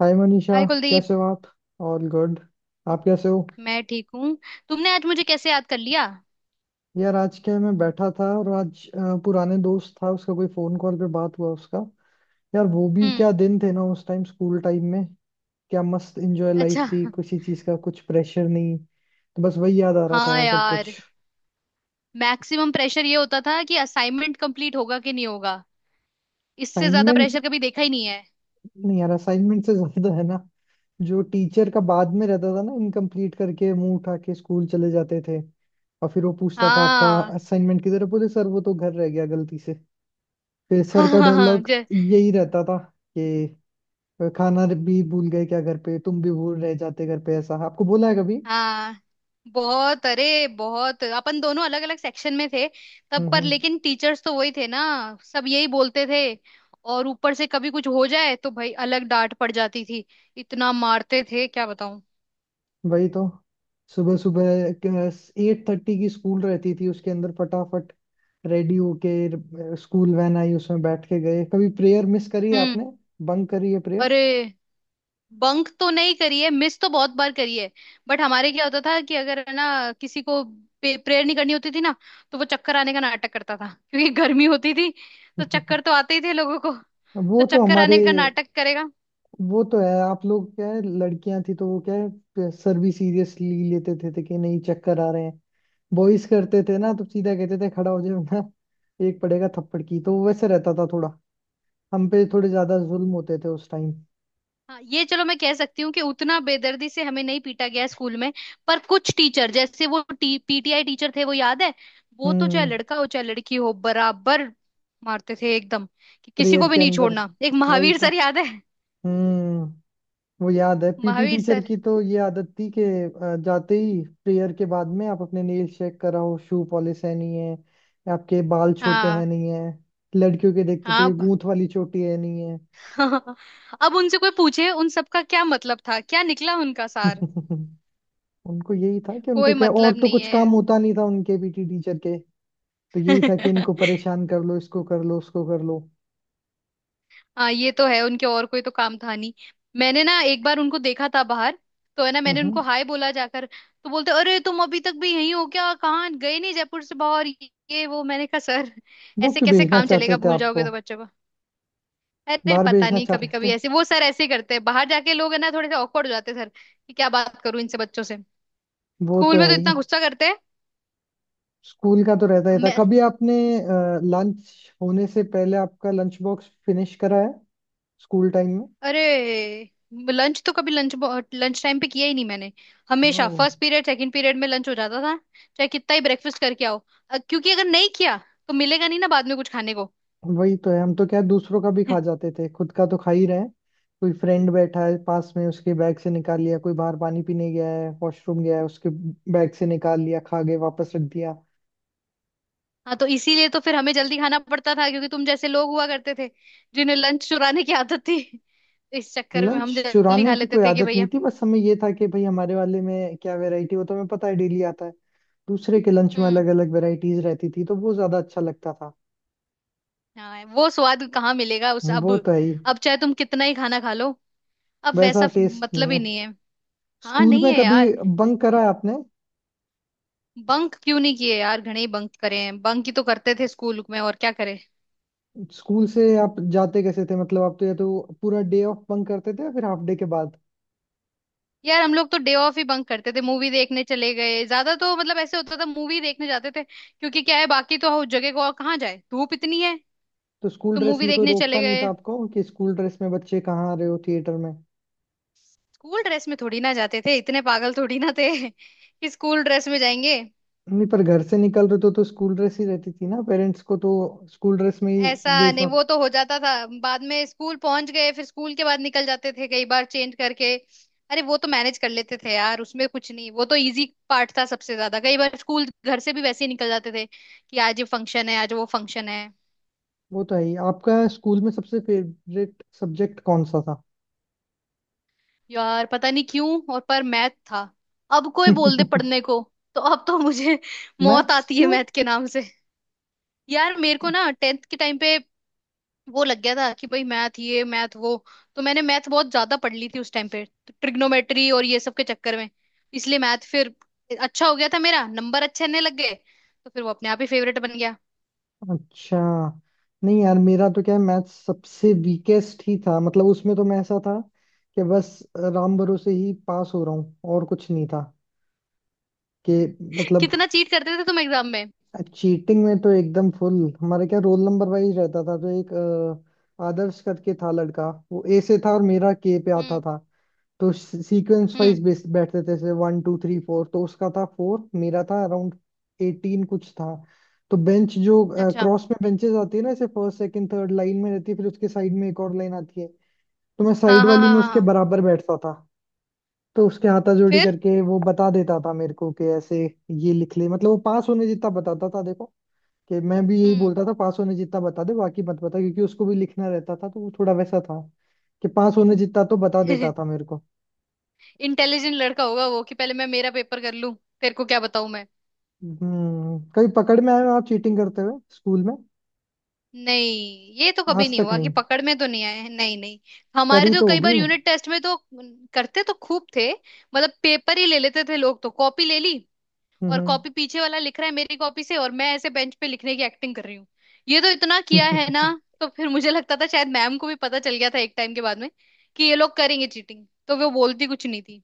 हाय Manisha. Hi Kuldeep. कैसे हो आप? All good. आप कैसे हो? मैं ठीक हूँ। तुमने आज मुझे कैसे याद कर लिया। यार आज क्या है, मैं बैठा था और आज पुराने दोस्त था, उसका कोई फोन कॉल पे बात हुआ उसका। यार वो भी हम्म। क्या दिन थे ना, उस टाइम स्कूल टाइम में। क्या मस्त एंजॉय अच्छा। लाइफ थी, किसी चीज का कुछ प्रेशर नहीं, तो बस वही याद आ रहा था हाँ यार सब कुछ। यार। मैक्सिमम प्रेशर ये होता था कि असाइनमेंट कंप्लीट होगा कि नहीं होगा। इससे ज्यादा असाइनमेंट। प्रेशर कभी देखा ही नहीं है। नहीं यार, असाइनमेंट से ज्यादा है ना, जो टीचर का बाद में रहता था ना, इनकम्प्लीट करके मुंह उठा के स्कूल चले जाते थे। और फिर वो पूछता था, आपका हाँ। असाइनमेंट किधर है? बोले सर वो तो घर रह गया गलती से। फिर सर हाँ का हाँ हाँ डायलॉग यही रहता था कि खाना भी भूल गए क्या घर पे, तुम भी भूल रह जाते घर पे? ऐसा आपको बोला है कभी? हाँ। बहुत, अरे बहुत, अपन दोनों अलग अलग सेक्शन में थे। तब हम्म। पर हम्म। लेकिन टीचर्स तो वही थे ना। सब यही बोलते थे। और ऊपर से कभी कुछ हो जाए तो भाई अलग डांट पड़ जाती थी। इतना मारते थे क्या बताऊं। वही तो। सुबह सुबह 8:30 की स्कूल रहती थी, उसके अंदर फटाफट रेडी होके स्कूल वैन आई, उसमें बैठ के गए। कभी प्रेयर मिस करी है हम्म। आपने? बंक करी है प्रेयर? अरे बंक तो नहीं करी है, मिस तो बहुत बार करी है। बट हमारे क्या होता था कि अगर है ना किसी को प्रेयर नहीं करनी होती थी ना, तो वो चक्कर आने का नाटक करता था, क्योंकि गर्मी होती थी। तो चक्कर तो आते ही थे लोगों को। वो तो तो चक्कर हमारे। आने का नाटक करेगा। वो तो है, आप लोग क्या है, लड़कियां थी तो वो क्या, है सर भी सीरियसली लेते थे कि नहीं चक्कर आ रहे हैं। बॉयज करते थे ना तो सीधा कहते थे खड़ा हो जाए ना, एक पड़ेगा थप्पड़ की, तो वैसे रहता था थोड़ा। हम पे थोड़े ज्यादा जुल्म होते थे उस टाइम। हाँ ये चलो, मैं कह सकती हूँ कि उतना बेदर्दी से हमें नहीं पीटा गया है स्कूल में। पर कुछ टीचर, जैसे वो पीटीआई टीचर थे, वो याद है। वो तो चाहे हम्म। लड़का हो चाहे लड़की हो बराबर मारते थे एकदम, कि किसी प्रेयर को भी के नहीं अंदर। छोड़ना। एक वही महावीर तो। सर याद है। हम्म। वो याद है, पीटी महावीर टीचर सर। की तो ये आदत थी कि जाते ही प्रेयर के बाद में आप अपने नेल चेक कराओ, शू पॉलिश है नहीं है, आपके बाल छोटे हाँ हैं नहीं है, लड़कियों के देखते थे हाँ। कि अब। गूंथ वाली चोटी है नहीं है। अब उनसे कोई पूछे उन सबका क्या मतलब था, क्या निकला उनका सार। उनको यही था कि उनको कोई क्या, मतलब और तो नहीं कुछ है। काम होता नहीं था उनके पीटी टीचर के, तो यही था कि इनको परेशान कर लो, इसको कर लो, उसको कर लो। हाँ ये तो है, उनके और कोई तो काम था नहीं। मैंने ना एक बार उनको देखा था बाहर। तो है ना, मैंने हम्म। उनको हाय बोला, जाकर तो बोलते अरे तुम अभी तक भी यहीं हो क्या, कहाँ गए नहीं जयपुर से बाहर। ये वो, मैंने कहा सर वो ऐसे क्यों कैसे भेजना काम चाहते चलेगा, थे भूल जाओगे आपको? तो बच्चों को। अरे बाहर पता भेजना नहीं, चाह कभी रहे कभी थे? ऐसे वो सर ऐसे ही करते हैं, बाहर जाके लोग है ना थोड़े से ऑकवर्ड हो जाते हैं सर, कि क्या बात करूं इनसे बच्चों से। वो तो स्कूल में है तो ही। इतना गुस्सा करते स्कूल का तो रहता ही था। हैं। कभी आपने लंच होने से पहले आपका लंच बॉक्स फिनिश करा है स्कूल टाइम में? अरे लंच तो, कभी लंच, लंच टाइम पे किया ही नहीं मैंने। हमेशा ओ। फर्स्ट पीरियड सेकंड पीरियड में लंच हो जाता था, चाहे कितना ही ब्रेकफास्ट करके आओ। क्योंकि अगर नहीं किया तो मिलेगा नहीं ना बाद में कुछ खाने को। वही तो है, हम तो क्या है, दूसरों का भी खा जाते थे, खुद का तो खा ही रहे हैं। कोई फ्रेंड बैठा है पास में उसके बैग से निकाल लिया, कोई बाहर पानी पीने गया है, वॉशरूम गया है, उसके बैग से निकाल लिया, खा गए वापस रख दिया। हाँ तो इसीलिए तो फिर हमें जल्दी खाना पड़ता था, क्योंकि तुम जैसे लोग हुआ करते थे जिन्हें लंच चुराने की आदत थी। इस चक्कर में लंच हम जल्दी चुराने खा की लेते कोई थे कि आदत नहीं भैया। थी, बस हमें ये था कि भाई हमारे वाले में क्या वैरायटी, वो तो हमें पता है डेली आता है। दूसरे के लंच में हम्म। अलग अलग वैरायटीज रहती थी, तो वो ज्यादा अच्छा लगता था। हाँ वो स्वाद कहाँ मिलेगा उस, वो तो है ही। अब चाहे तुम कितना ही खाना खा लो, अब वैसा वैसा टेस्ट नहीं मतलब ही है। नहीं है। हाँ स्कूल नहीं में है कभी यार। बंक करा है आपने? बंक क्यों नहीं किए यार, घणे ही बंक करे हैं, बंक ही तो करते थे स्कूल में, और क्या करें। स्कूल से आप जाते कैसे थे, मतलब आप तो या तो पूरा डे ऑफ बंक करते थे या फिर हाफ डे के बाद? यार हम लोग तो डे ऑफ ही बंक करते थे, मूवी देखने चले गए ज्यादा, तो मतलब ऐसे होता था मूवी देखने जाते थे, क्योंकि क्या है बाकी तो उस जगह को और कहाँ जाए, धूप इतनी है। तो स्कूल तो ड्रेस मूवी में कोई देखने रोकता चले नहीं था गए। आपको कि स्कूल ड्रेस में बच्चे कहाँ आ रहे हो थिएटर में? स्कूल ड्रेस में थोड़ी ना जाते थे, इतने पागल थोड़ी ना थे कि स्कूल ड्रेस में जाएंगे। नहीं पर घर से निकल रहे तो स्कूल ड्रेस ही रहती थी ना, पेरेंट्स को तो स्कूल ड्रेस में ही ऐसा नहीं, भेजना। वो तो हो जाता था, बाद में स्कूल पहुंच गए, फिर स्कूल के बाद निकल जाते थे कई बार चेंज करके। अरे वो तो मैनेज कर लेते थे यार, उसमें कुछ नहीं, वो तो इजी पार्ट था। सबसे ज्यादा कई बार स्कूल घर से भी वैसे ही निकल जाते थे, कि आज ये फंक्शन है, आज वो फंक्शन है। वो तो है ही। आपका स्कूल में सबसे फेवरेट सब्जेक्ट कौन सा था? यार पता नहीं क्यों, और पर मैथ था। अब कोई बोल दे पढ़ने को, तो अब तो मुझे मौत मैथ्स आती है क्यों? मैथ के नाम से। यार मेरे को ना टेंथ के टाइम पे वो लग गया था कि भाई मैथ ये मैथ वो, तो मैंने मैथ बहुत ज्यादा पढ़ ली थी उस टाइम पे, तो ट्रिग्नोमेट्री और ये सब के चक्कर में इसलिए मैथ फिर अच्छा हो गया था, मेरा नंबर अच्छे आने लग गए, तो फिर वो अपने आप ही फेवरेट बन गया। अच्छा। नहीं यार, मेरा तो क्या है, मैथ्स सबसे वीकेस्ट ही था, मतलब उसमें तो मैं ऐसा था कि बस राम भरोसे ही पास हो रहा हूँ और कुछ नहीं था कि, मतलब कितना चीट करते थे तुम एग्जाम में। चीटिंग में तो एकदम फुल। हमारे क्या रोल नंबर वाइज रहता था, तो एक आदर्श करके था लड़का, वो ए से था और मेरा के पे आता हम्म। था। तो सीक्वेंस हम्म। वाइज बेस बैठते थे, जैसे 1, 2, 3, 4, तो उसका था 4, मेरा था अराउंड 18 कुछ था। तो बेंच जो अच्छा। क्रॉस में बेंचेस आती है ना, जैसे फर्स्ट सेकंड थर्ड लाइन में रहती है, फिर उसके साइड में एक और लाइन आती है, तो मैं हाँ, साइड हाँ, वाली हाँ, में हाँ, उसके हाँ। बराबर बैठता था। तो उसके हाथाजोड़ी फिर। करके वो बता देता था मेरे को कि ऐसे ये लिख ले, मतलब वो पास होने जितना बताता था। देखो कि मैं भी यही हम्म। बोलता था पास होने जितना बता दे, बाकी मत बता, क्योंकि उसको भी लिखना रहता था, तो वो थोड़ा वैसा था कि पास होने जितना तो बता देता था मेरे को। इंटेलिजेंट लड़का होगा वो, कि पहले मैं मेरा पेपर कर लूं, तेरे को क्या बताऊं मैं। हम्म। कभी पकड़ में आए हो आप चीटिंग करते हुए स्कूल में? नहीं ये तो कभी आज नहीं तक हुआ कि नहीं? पकड़ में, तो नहीं आए हैं, नहीं नहीं। हमारे करी तो तो कई बार होगी। यूनिट टेस्ट में तो करते तो खूब थे, मतलब पेपर ही ले लेते थे लोग तो, कॉपी ले ली, और हम्म। कॉपी पीछे वाला लिख रहा है मेरी कॉपी से, और मैं ऐसे बेंच पे लिखने की एक्टिंग कर रही हूँ। ये तो इतना किया है ना। तो फिर मुझे लगता था शायद मैम को भी पता चल गया था एक टाइम के बाद में, कि ये लोग करेंगे चीटिंग, तो वो बोलती कुछ नहीं थी।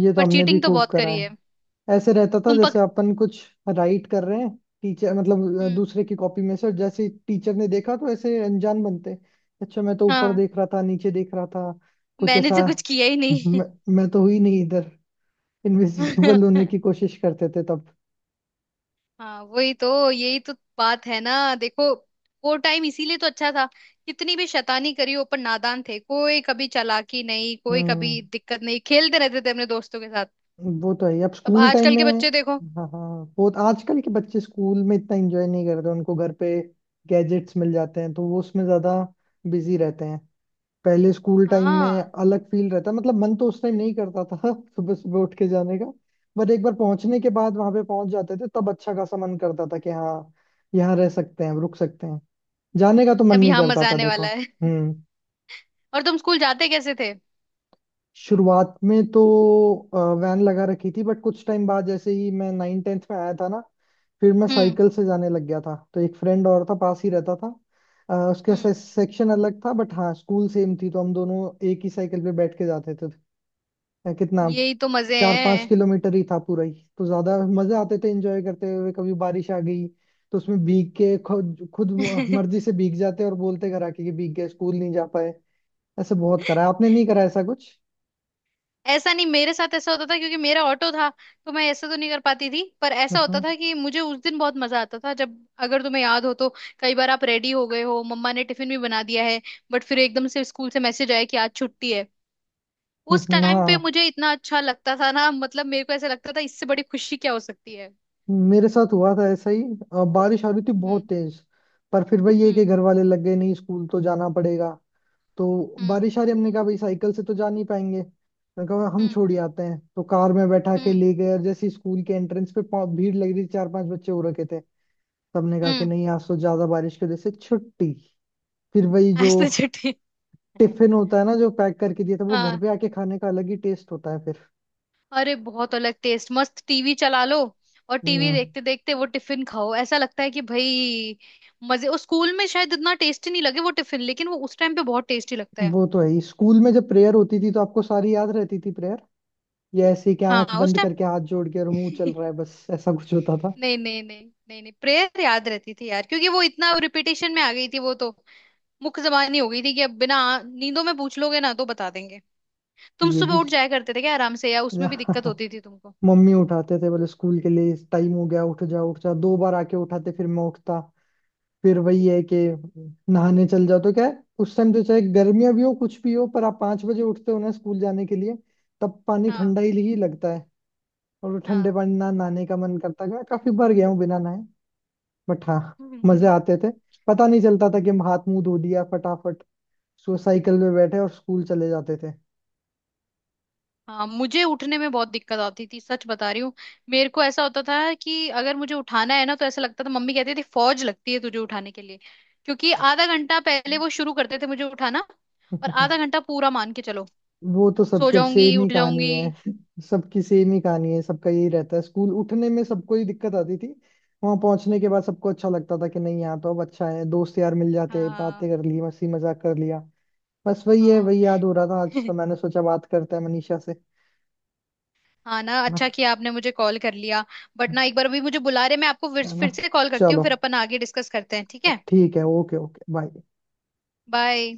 ये तो पर हमने भी चीटिंग तो खूब बहुत करा करी है। है। ऐसे रहता था तुम जैसे पक अपन कुछ राइट कर रहे हैं, टीचर, मतलब हम्म, दूसरे की कॉपी में से, जैसे टीचर ने देखा तो ऐसे अनजान बनते, अच्छा मैं तो ऊपर हाँ देख रहा था नीचे देख रहा था, कुछ मैंने ऐसा। तो कुछ किया ही नहीं। मैं, मैं तो हुई नहीं इधर। इनविजिबल होने की कोशिश करते थे तब। हाँ वही तो, यही तो बात है ना, देखो वो टाइम इसीलिए तो अच्छा था, कितनी भी शैतानी करी हो पर नादान थे, कोई कभी चालाकी नहीं, कोई हम्म। कभी दिक्कत नहीं, खेलते रहते थे अपने दोस्तों के साथ। वो तो है ही। अब अब स्कूल टाइम आजकल के में। बच्चे देखो। हाँ हाँ, वो तो आजकल के बच्चे स्कूल में इतना एंजॉय नहीं करते, उनको घर पे गैजेट्स मिल जाते हैं तो वो उसमें ज्यादा बिजी रहते हैं। पहले स्कूल टाइम में हाँ। अलग फील रहता, मतलब मन तो उस टाइम नहीं करता था सुबह सुबह उठ के जाने का। बट एक बार पहुंचने के बाद वहां पे पहुंच जाते थे, तब अच्छा खासा मन करता था कि हाँ यहाँ रह सकते हैं, रुक सकते हैं। जाने का तो मन अब नहीं यहाँ करता मजा था आने देखो। वाला है। हम्म। और तुम स्कूल जाते कैसे थे। शुरुआत में तो वैन लगा रखी थी, बट कुछ टाइम बाद जैसे ही मैं 9-10 में आया था ना, फिर मैं हम्म, साइकिल से जाने लग गया था, तो एक फ्रेंड और था, पास ही रहता था। हम्म। सेक्शन अलग था, बट हाँ स्कूल सेम थी, तो हम दोनों एक ही साइकिल पे बैठ के जाते थे। अ, कितना यही तो मजे चार पांच हैं। किलोमीटर ही था पूरा ही, तो ज्यादा मजे आते थे एंजॉय करते हुए। कभी बारिश आ गई तो उसमें भीग के खुद खुद मर्जी से भीग जाते और बोलते घर आके कि भीग गए स्कूल नहीं जा पाए। ऐसे बहुत करा है। आपने नहीं करा ऐसा कुछ? ऐसा नहीं, मेरे साथ ऐसा होता था क्योंकि मेरा ऑटो था, तो मैं ऐसा तो नहीं कर पाती थी, पर ऐसा हम्म। होता हम्म। था कि मुझे उस दिन बहुत मजा आता था जब, अगर तुम्हें याद हो तो, कई बार आप रेडी हो गए हो, मम्मा ने टिफिन भी बना दिया है, बट फिर एकदम से स्कूल से मैसेज आया कि आज छुट्टी है। उस हम्म। टाइम पे हाँ। मुझे इतना अच्छा लगता था ना, मतलब मेरे को ऐसा लगता था इससे बड़ी खुशी क्या हो सकती है। मेरे साथ हुआ था ऐसा ही, बारिश आ रही थी बहुत हम्म, तेज, पर फिर भाई ये कि हम्म, घर वाले लग गए नहीं स्कूल तो जाना पड़ेगा। तो हम्म, बारिश आ रही, हमने कहा भाई साइकिल से तो जा नहीं पाएंगे, मैं कहा हम हम्म, छोड़ ही आते हैं, तो कार में बैठा के हम्म, ले गए। और जैसे ही स्कूल के एंट्रेंस पे भीड़ लग रही थी, चार पांच बच्चे हो रखे थे। सबने कहा कि हम्म। नहीं आज तो ज्यादा बारिश की वजह से छुट्टी। फिर वही जो आज तो छुट्टी। है। टिफिन होता है ना जो पैक करके दिया था, वो घर हाँ। पे आके खाने का अलग ही टेस्ट होता है फिर। अरे बहुत अलग टेस्ट, मस्त टीवी चला लो, और टीवी हम्म। देखते देखते वो टिफिन खाओ, ऐसा लगता है कि भाई मजे। उस स्कूल में शायद इतना टेस्टी नहीं लगे वो टिफिन, लेकिन वो उस टाइम पे बहुत टेस्टी लगता है। वो तो है ही। स्कूल में जब प्रेयर होती थी तो आपको सारी याद रहती थी? ये ऐसे कि आंख हाँ उस बंद टाइम। करके हाथ जोड़ के और मुंह चल रहा है बस, ऐसा कुछ होता था। नहीं, नहीं, नहीं, नहीं, नहीं, प्रेयर याद रहती थी यार, क्योंकि वो इतना रिपीटेशन में आ गई थी, वो तो मुख्य जबानी हो गई थी, कि अब बिना नींदों में पूछ लोगे ना तो बता देंगे। तुम ये सुबह भी। उठ जाया करते थे क्या आराम से, या उसमें भी दिक्कत होती थी तुमको। मम्मी उठाते थे, बोले स्कूल के लिए टाइम हो गया, उठ जा उठ जा, दो बार आके उठाते, फिर मैं उठता। फिर वही है कि नहाने चल जाओ, तो क्या है उस टाइम तो चाहे गर्मियां भी हो कुछ भी हो, पर आप 5 बजे उठते हो ना स्कूल जाने के लिए, तब पानी हाँ, ठंडा ही लगता है। और वो ठंडे हाँ। पानी ना नहाने का मन करता है, मैं काफी बार गया हूँ बिना नहाए। बट हाँ मजे आते थे, पता नहीं चलता था कि हम हाथ मुंह धो लिया फटाफट, सो साइकिल में बैठे और स्कूल चले जाते थे। हाँ मुझे उठने में बहुत दिक्कत आती थी, सच बता रही हूँ। मेरे को ऐसा होता था कि अगर मुझे उठाना है ना, तो ऐसा लगता था, मम्मी कहती थी फौज लगती है तुझे उठाने के लिए, क्योंकि आधा घंटा पहले वो शुरू करते थे मुझे उठाना, और आधा घंटा पूरा मान के चलो, वो तो सो सबकी अब जाऊंगी सेम ही उठ कहानी है। जाऊंगी। सबकी सेम ही कहानी है, सबका यही रहता है स्कूल उठने में सबको ही दिक्कत आती थी। वहां पहुंचने के बाद सबको अच्छा लगता था कि नहीं यहाँ तो अब अच्छा है, दोस्त यार मिल जाते हैं, बातें हाँ, कर ली, हंसी मजाक कर लिया। बस वही है, हाँ। वही याद हो रहा था, आज तो मैंने सोचा बात करते हैं मनीषा से। हाँ ना, ना। अच्छा किया आपने मुझे कॉल कर लिया। बट ना, एक बार अभी मुझे बुला रहे, मैं आपको फिर है ना? फिर से कॉल करती हूँ, चलो, फिर अपन आगे डिस्कस करते हैं, ठीक है, ठीक है। Okay okay, bye. बाय।